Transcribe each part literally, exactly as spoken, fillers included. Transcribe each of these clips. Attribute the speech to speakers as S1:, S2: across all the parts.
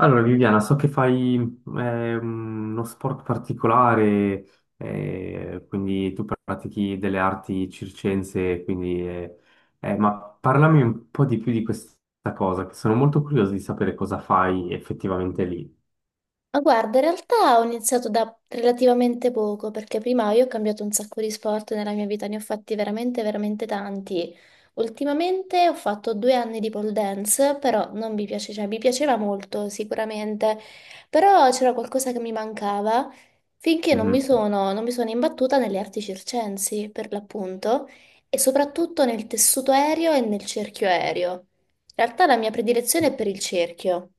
S1: Allora, Viviana, so che fai eh, uno sport particolare, eh, quindi tu pratichi delle arti circense, quindi, eh, eh, ma parlami un po' di più di questa cosa, che sono molto curioso di sapere cosa fai effettivamente lì.
S2: Ma guarda, in realtà ho iniziato da relativamente poco, perché prima io ho cambiato un sacco di sport nella mia vita, ne ho fatti veramente, veramente tanti. Ultimamente ho fatto due anni di pole dance, però non mi piace, cioè mi piaceva molto sicuramente, però c'era qualcosa che mi mancava finché non mi
S1: Mhm.
S2: sono, non mi sono imbattuta nelle arti circensi, per l'appunto, e soprattutto nel tessuto aereo e nel cerchio aereo. In realtà la mia predilezione è per il cerchio.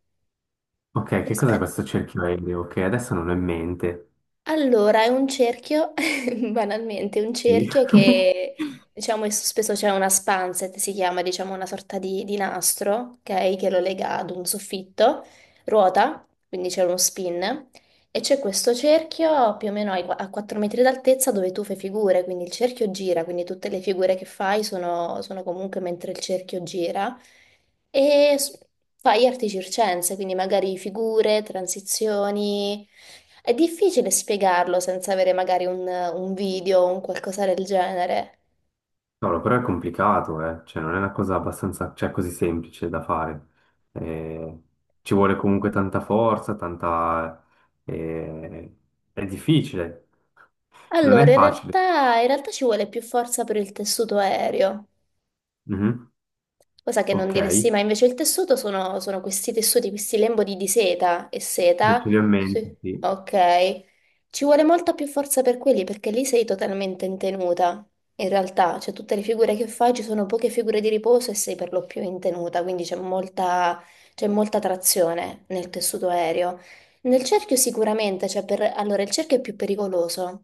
S1: Ok, che cos'è questo cerchio aereo? Che adesso non ho in mente.
S2: Allora, è un cerchio, banalmente, un
S1: Sì.
S2: cerchio che diciamo è sospeso, c'è una spancet, si chiama diciamo una sorta di, di, nastro, ok? Che lo lega ad un soffitto, ruota, quindi c'è uno spin. E c'è questo cerchio più o meno ai- a quattro metri d'altezza dove tu fai figure, quindi il cerchio gira, quindi tutte le figure che fai sono, sono comunque mentre il cerchio gira. E s- fai arti circense, quindi magari figure, transizioni. È difficile spiegarlo senza avere magari un, un video o un qualcosa del genere.
S1: Cavolo, però è complicato, eh. Cioè, non è una cosa abbastanza, cioè, così semplice da fare. Eh, ci vuole comunque tanta forza, tanta... eh, è difficile, non è
S2: Allora, in
S1: facile.
S2: realtà, in realtà ci vuole più forza per il tessuto aereo.
S1: Mhm.
S2: Cosa che non
S1: Ok,
S2: diresti
S1: ce
S2: mai. Invece il tessuto sono, sono questi tessuti, questi lembodi di seta e
S1: li
S2: seta.
S1: ho in mente,
S2: Sì.
S1: sì.
S2: Ok. Ci vuole molta più forza per quelli perché lì sei totalmente in tenuta. In realtà, cioè tutte le figure che fai ci sono poche figure di riposo e sei per lo più in tenuta, quindi c'è molta, c'è molta trazione nel tessuto aereo. Nel cerchio sicuramente, cioè per, allora il cerchio è più pericoloso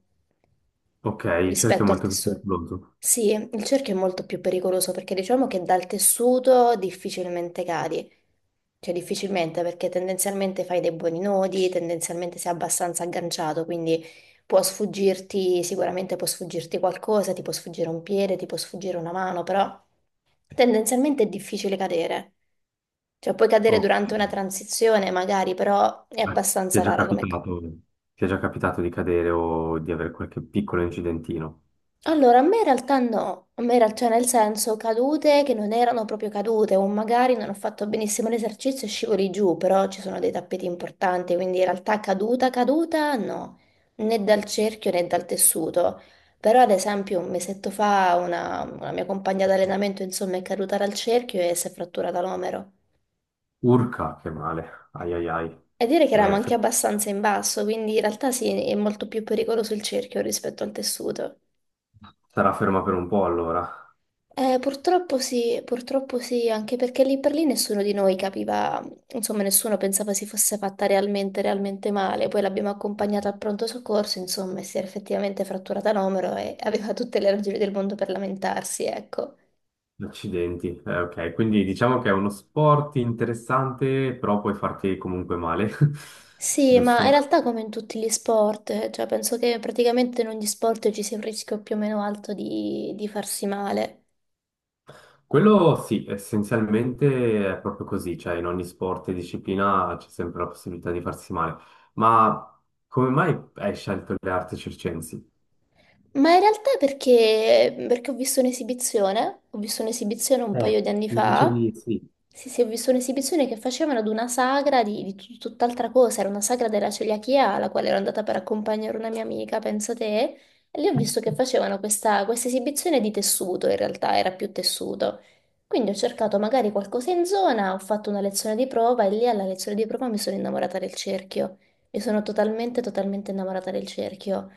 S1: Ok, il cerchio è
S2: rispetto al
S1: molto
S2: tessuto.
S1: pericoloso.
S2: Sì, il cerchio è molto più pericoloso perché diciamo che dal tessuto difficilmente cadi, cioè difficilmente perché tendenzialmente fai dei buoni nodi, tendenzialmente sei abbastanza agganciato, quindi può sfuggirti, sicuramente può sfuggirti qualcosa, ti può sfuggire un piede, ti può sfuggire una mano, però tendenzialmente è difficile cadere. Cioè puoi cadere
S1: Ok.
S2: durante una transizione magari, però è
S1: Ti è
S2: abbastanza
S1: già
S2: rara.
S1: capitato, ti è già capitato di cadere o di avere qualche piccolo incidentino?
S2: Allora, a me in realtà no, a me in realtà nel senso cadute che non erano proprio cadute o magari non ho fatto benissimo l'esercizio e scivoli giù, però ci sono dei tappeti importanti, quindi in realtà caduta, caduta no, né dal cerchio né dal tessuto. Però ad esempio un mesetto fa una, una, mia compagna d'allenamento insomma è caduta dal cerchio e si è fratturata l'omero.
S1: Urca, che male. Ai ai ai.
S2: E dire che eravamo
S1: Eh,
S2: anche
S1: fer-
S2: abbastanza in basso, quindi in realtà sì, è molto più pericoloso il cerchio rispetto al tessuto.
S1: sarà ferma per un po' allora.
S2: Eh, purtroppo sì, purtroppo sì, anche perché lì per lì nessuno di noi capiva, insomma, nessuno pensava si fosse fatta realmente, realmente male. Poi l'abbiamo accompagnata al pronto soccorso, insomma, e si era effettivamente fratturata l'omero e aveva tutte le ragioni del mondo per lamentarsi, ecco.
S1: Accidenti. Eh, ok, quindi diciamo che è uno sport interessante, però puoi farti comunque male,
S2: Sì, ma in
S1: giusto?
S2: realtà come in tutti gli sport, eh, cioè penso che praticamente in ogni sport ci sia un rischio più o meno alto di, di, farsi male.
S1: Quello sì, essenzialmente è proprio così, cioè in ogni sport e disciplina c'è sempre la possibilità di farsi male. Ma come mai hai scelto le arti circensi?
S2: Ma in realtà perché, perché ho visto un'esibizione, ho visto un'esibizione un
S1: Eh,
S2: paio di anni
S1: mi
S2: fa.
S1: dicevi sì.
S2: Sì sì, ho visto un'esibizione che facevano ad una sagra di, di tut- tutt'altra cosa, era una sagra della celiachia alla quale ero andata per accompagnare una mia amica, pensa te, e lì ho visto che facevano questa, questa esibizione di tessuto, in realtà era più tessuto. Quindi ho cercato magari qualcosa in zona, ho fatto una lezione di prova e lì alla lezione di prova mi sono innamorata del cerchio, mi sono totalmente, totalmente innamorata del cerchio.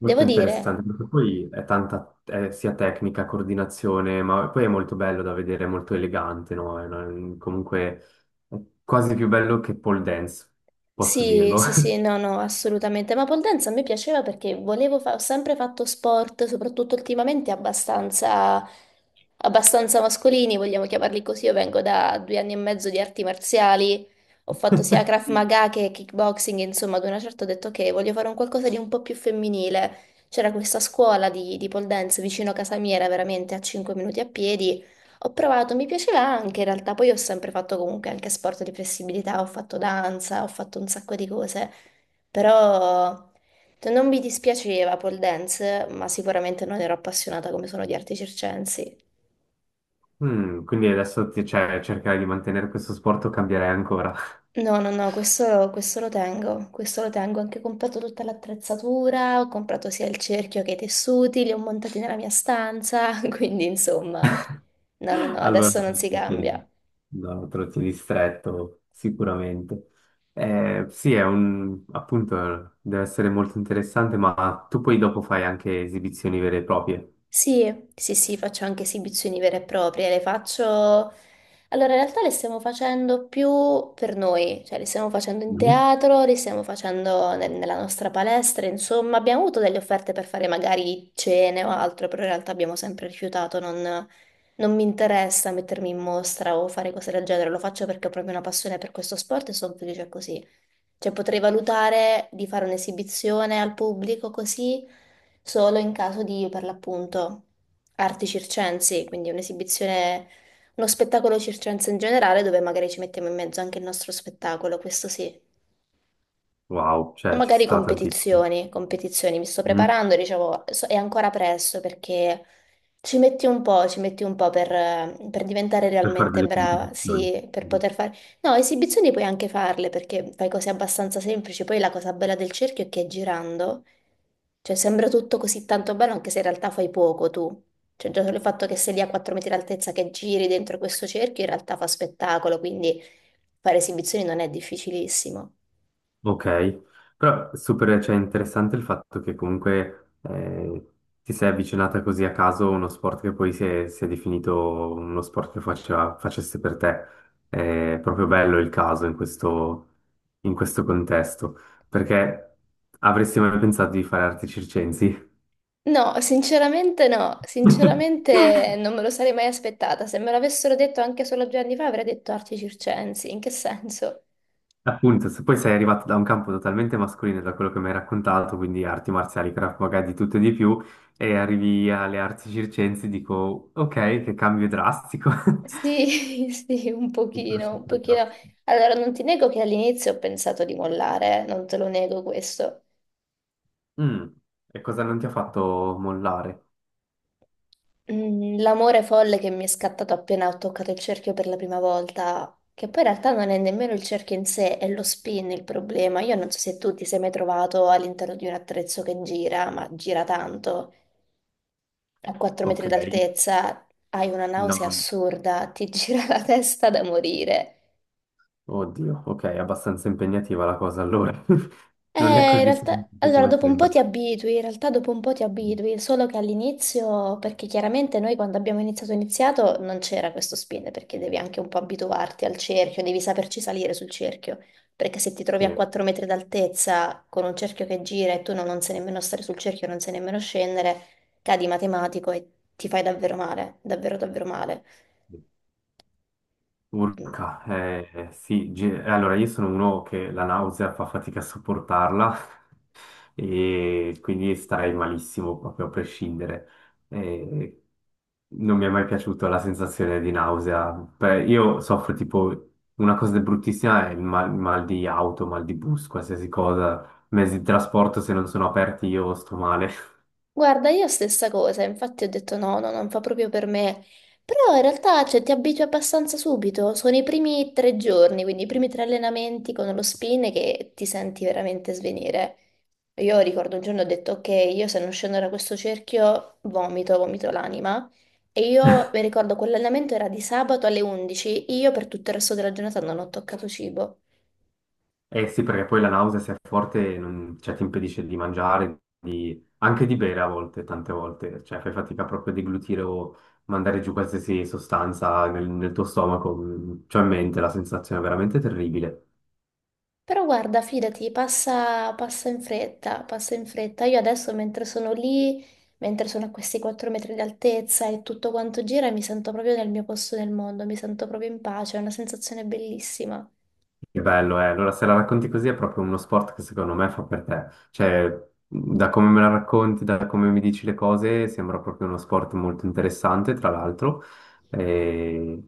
S1: Molto
S2: Devo dire.
S1: interessante, perché poi è tanta, è sia tecnica, coordinazione, ma poi è molto bello da vedere, è molto elegante, no? È una- comunque è quasi più bello che pole dance, posso
S2: Sì,
S1: dirlo.
S2: sì, sì, no, no, assolutamente. Ma pole dance a me piaceva perché volevo fa- ho sempre fatto sport, soprattutto ultimamente abbastanza, abbastanza, mascolini, vogliamo chiamarli così. Io vengo da due anni e mezzo di arti marziali, ho fatto sia Krav Maga che kickboxing, insomma, ad una certa ho detto che voglio fare un qualcosa di un po' più femminile. C'era questa scuola di, di pole dance vicino a casa mia, era veramente a cinque minuti a piedi. Ho provato, mi piaceva anche in realtà, poi ho sempre fatto comunque anche sport di flessibilità, ho fatto danza, ho fatto un sacco di cose, però cioè, non mi dispiaceva pole dance, ma sicuramente non ero appassionata come sono di arti circensi.
S1: Mm, quindi adesso ti- cioè, cercare di mantenere questo sport o cambiare ancora.
S2: No, no, no, questo, questo lo tengo, questo lo tengo, ho anche comprato tutta l'attrezzatura, ho comprato sia il cerchio che i tessuti, li ho montati nella mia stanza, quindi insomma, no, no, no,
S1: Allora,
S2: adesso non si cambia.
S1: sì, no, trotti di stretto, sicuramente. Eh, sì, è un, appunto, deve essere molto interessante, ma tu poi dopo fai anche esibizioni vere e proprie.
S2: Sì, sì, sì, faccio anche esibizioni vere e proprie, le faccio. Allora, in realtà le stiamo facendo più per noi, cioè le stiamo facendo in
S1: Mhm.
S2: teatro, le stiamo facendo ne- nella nostra palestra, insomma, abbiamo avuto delle offerte per fare magari cene o altro, però in realtà abbiamo sempre rifiutato, non, non mi interessa mettermi in mostra o fare cose del genere, lo faccio perché ho proprio una passione per questo sport e sono felice così. Cioè potrei valutare di fare un'esibizione al pubblico così solo in caso di, per l'appunto, arti circensi, quindi un'esibizione, uno spettacolo circense in generale dove magari ci mettiamo in mezzo anche il nostro spettacolo, questo sì.
S1: Wow, cioè ci
S2: Magari
S1: sta tantissimo.
S2: competizioni, competizioni, mi sto
S1: Mhm.
S2: preparando, dicevo, so- è ancora presto perché ci metti un po', ci metti un po' per, eh, per diventare
S1: Per fare
S2: realmente
S1: delle
S2: brava,
S1: competizioni.
S2: sì, per
S1: Mhm.
S2: poter fare. No, esibizioni puoi anche farle perché fai cose abbastanza semplici, poi la cosa bella del cerchio è che girando, cioè sembra tutto così tanto bello anche se in realtà fai poco tu, cioè già solo il fatto che sei lì a quattro metri d'altezza che giri dentro questo cerchio in realtà fa spettacolo, quindi fare esibizioni non è difficilissimo.
S1: Ok, però super, cioè, interessante il fatto che comunque eh, ti sei avvicinata così a caso a uno sport che poi si è, si è definito uno sport che faceva- facesse per te. È proprio bello il caso in questo, in questo contesto, perché avresti mai pensato di fare arti circensi?
S2: No, sinceramente no, sinceramente non me lo sarei mai aspettata. Se me l'avessero detto anche solo due anni fa avrei detto arti circensi, in che senso?
S1: Appunto, se poi sei arrivato da un campo totalmente mascolino, da quello che mi hai raccontato, quindi arti marziali, craft maga, di tutto e di più, e arrivi alle arti circensi, dico, ok, che cambio drastico.
S2: Sì, sì, un
S1: Super,
S2: pochino, un
S1: super
S2: pochino.
S1: drastico.
S2: Allora, non ti nego che all'inizio ho pensato di mollare, eh, non te lo nego questo.
S1: Mm, e cosa non ti ha fatto mollare?
S2: Mm, L'amore folle che mi è scattato appena ho toccato il cerchio per la prima volta, che poi in realtà non è nemmeno il cerchio in sé, è lo spin il problema. Io non so se tu ti sei mai trovato all'interno di un attrezzo che gira, ma gira tanto. A quattro
S1: Ok,
S2: metri d'altezza, hai una
S1: no,
S2: nausea
S1: no.
S2: assurda, ti gira la testa da morire.
S1: Oddio, ok, è abbastanza impegnativa la cosa allora. Non è
S2: Eh, in
S1: così
S2: realtà,
S1: semplice
S2: allora
S1: come
S2: dopo un po'
S1: sembra.
S2: ti abitui, in realtà dopo un po' ti abitui, solo che all'inizio, perché chiaramente noi quando abbiamo iniziato iniziato non c'era questo spin, perché devi anche un po' abituarti al cerchio, devi saperci salire sul cerchio, perché se ti trovi a quattro metri d'altezza con un cerchio che gira e tu non, non, sai nemmeno stare sul cerchio, non sai nemmeno scendere, cadi matematico e ti fai davvero male, davvero davvero male.
S1: Sì. Urca, eh, eh, sì, ge- allora io sono uno che la nausea fa fatica a sopportarla e quindi starei malissimo proprio a prescindere. Eh, non mi è mai piaciuta la sensazione di nausea. Beh, io soffro tipo una cosa bruttissima è il mal, mal di auto, mal di bus, qualsiasi cosa, mezzi di trasporto se non sono aperti io sto male.
S2: Guarda, io stessa cosa, infatti ho detto no, no, non fa proprio per me. Però in realtà, cioè, ti abitui abbastanza subito. Sono i primi tre giorni, quindi i primi tre allenamenti con lo spin che ti senti veramente svenire. Io ricordo un giorno ho detto, ok, io se non scendo da questo cerchio vomito, vomito l'anima. E io mi ricordo quell'allenamento era di sabato alle undici, io per tutto il resto della giornata non ho toccato cibo.
S1: Eh sì, perché poi la nausea se è forte non- cioè, ti impedisce di mangiare, di- anche di bere a volte, tante volte, cioè fai fatica proprio a deglutire o mandare giù qualsiasi sostanza nel, nel tuo stomaco, c'ho in mente la sensazione è veramente terribile.
S2: Però guarda, fidati, passa, passa in fretta, passa in fretta. Io adesso mentre sono lì, mentre sono a questi quattro metri di altezza e tutto quanto gira, mi sento proprio nel mio posto nel mondo, mi sento proprio in pace, è una sensazione bellissima.
S1: Che bello, eh. Allora, se la racconti così è proprio uno sport che secondo me fa per te. Cioè, da come me la racconti, da come mi dici le cose, sembra proprio uno sport molto interessante, tra l'altro. E,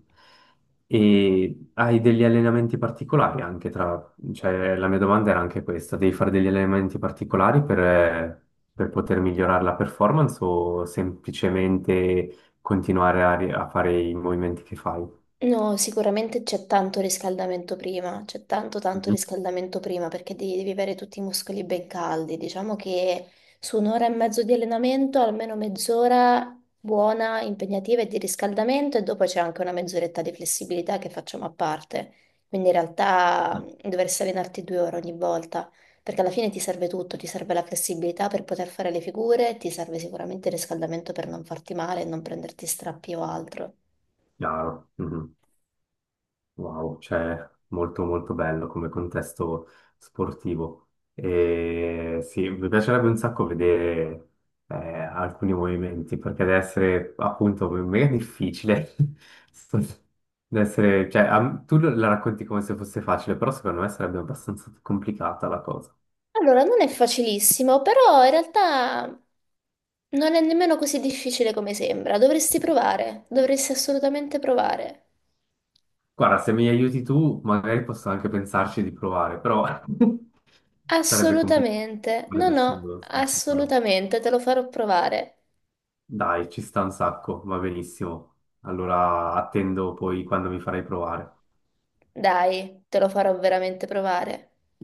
S1: e hai degli allenamenti particolari anche tra... Cioè, la mia domanda era anche questa, devi fare degli allenamenti particolari per, per poter migliorare la performance o semplicemente continuare a, ri- a fare i movimenti che fai?
S2: No, sicuramente c'è tanto riscaldamento prima, c'è tanto tanto
S1: Mhm.
S2: riscaldamento prima perché devi, devi, avere tutti i muscoli ben caldi. Diciamo che su un'ora e mezzo di allenamento, almeno mezz'ora buona, impegnativa e di riscaldamento e dopo c'è anche una mezz'oretta di flessibilità che facciamo a parte. Quindi in realtà mh, dovresti allenarti due ore ogni volta perché alla fine ti serve tutto, ti serve la flessibilità per poter fare le figure, ti serve sicuramente il riscaldamento per non farti male e non prenderti strappi o altro.
S1: Chiaro. Mhm. Wow, cioè molto molto bello come contesto sportivo. E sì, mi piacerebbe un sacco vedere eh, alcuni movimenti, perché deve essere appunto mega difficile. Sto- Deve essere, cioè, a- tu la racconti come se fosse facile, però secondo me sarebbe abbastanza complicata la cosa.
S2: Allora, non è facilissimo, però in realtà non è nemmeno così difficile come sembra. Dovresti provare, dovresti assolutamente provare.
S1: Guarda, se mi aiuti tu, magari posso anche pensarci di provare, però sarebbe complicato.
S2: Assolutamente, no,
S1: Sarebbe
S2: no,
S1: assurdo.
S2: assolutamente, te lo farò provare.
S1: Dai, ci sta un sacco, va benissimo. Allora attendo poi quando mi farai provare.
S2: Dai, te lo farò veramente provare.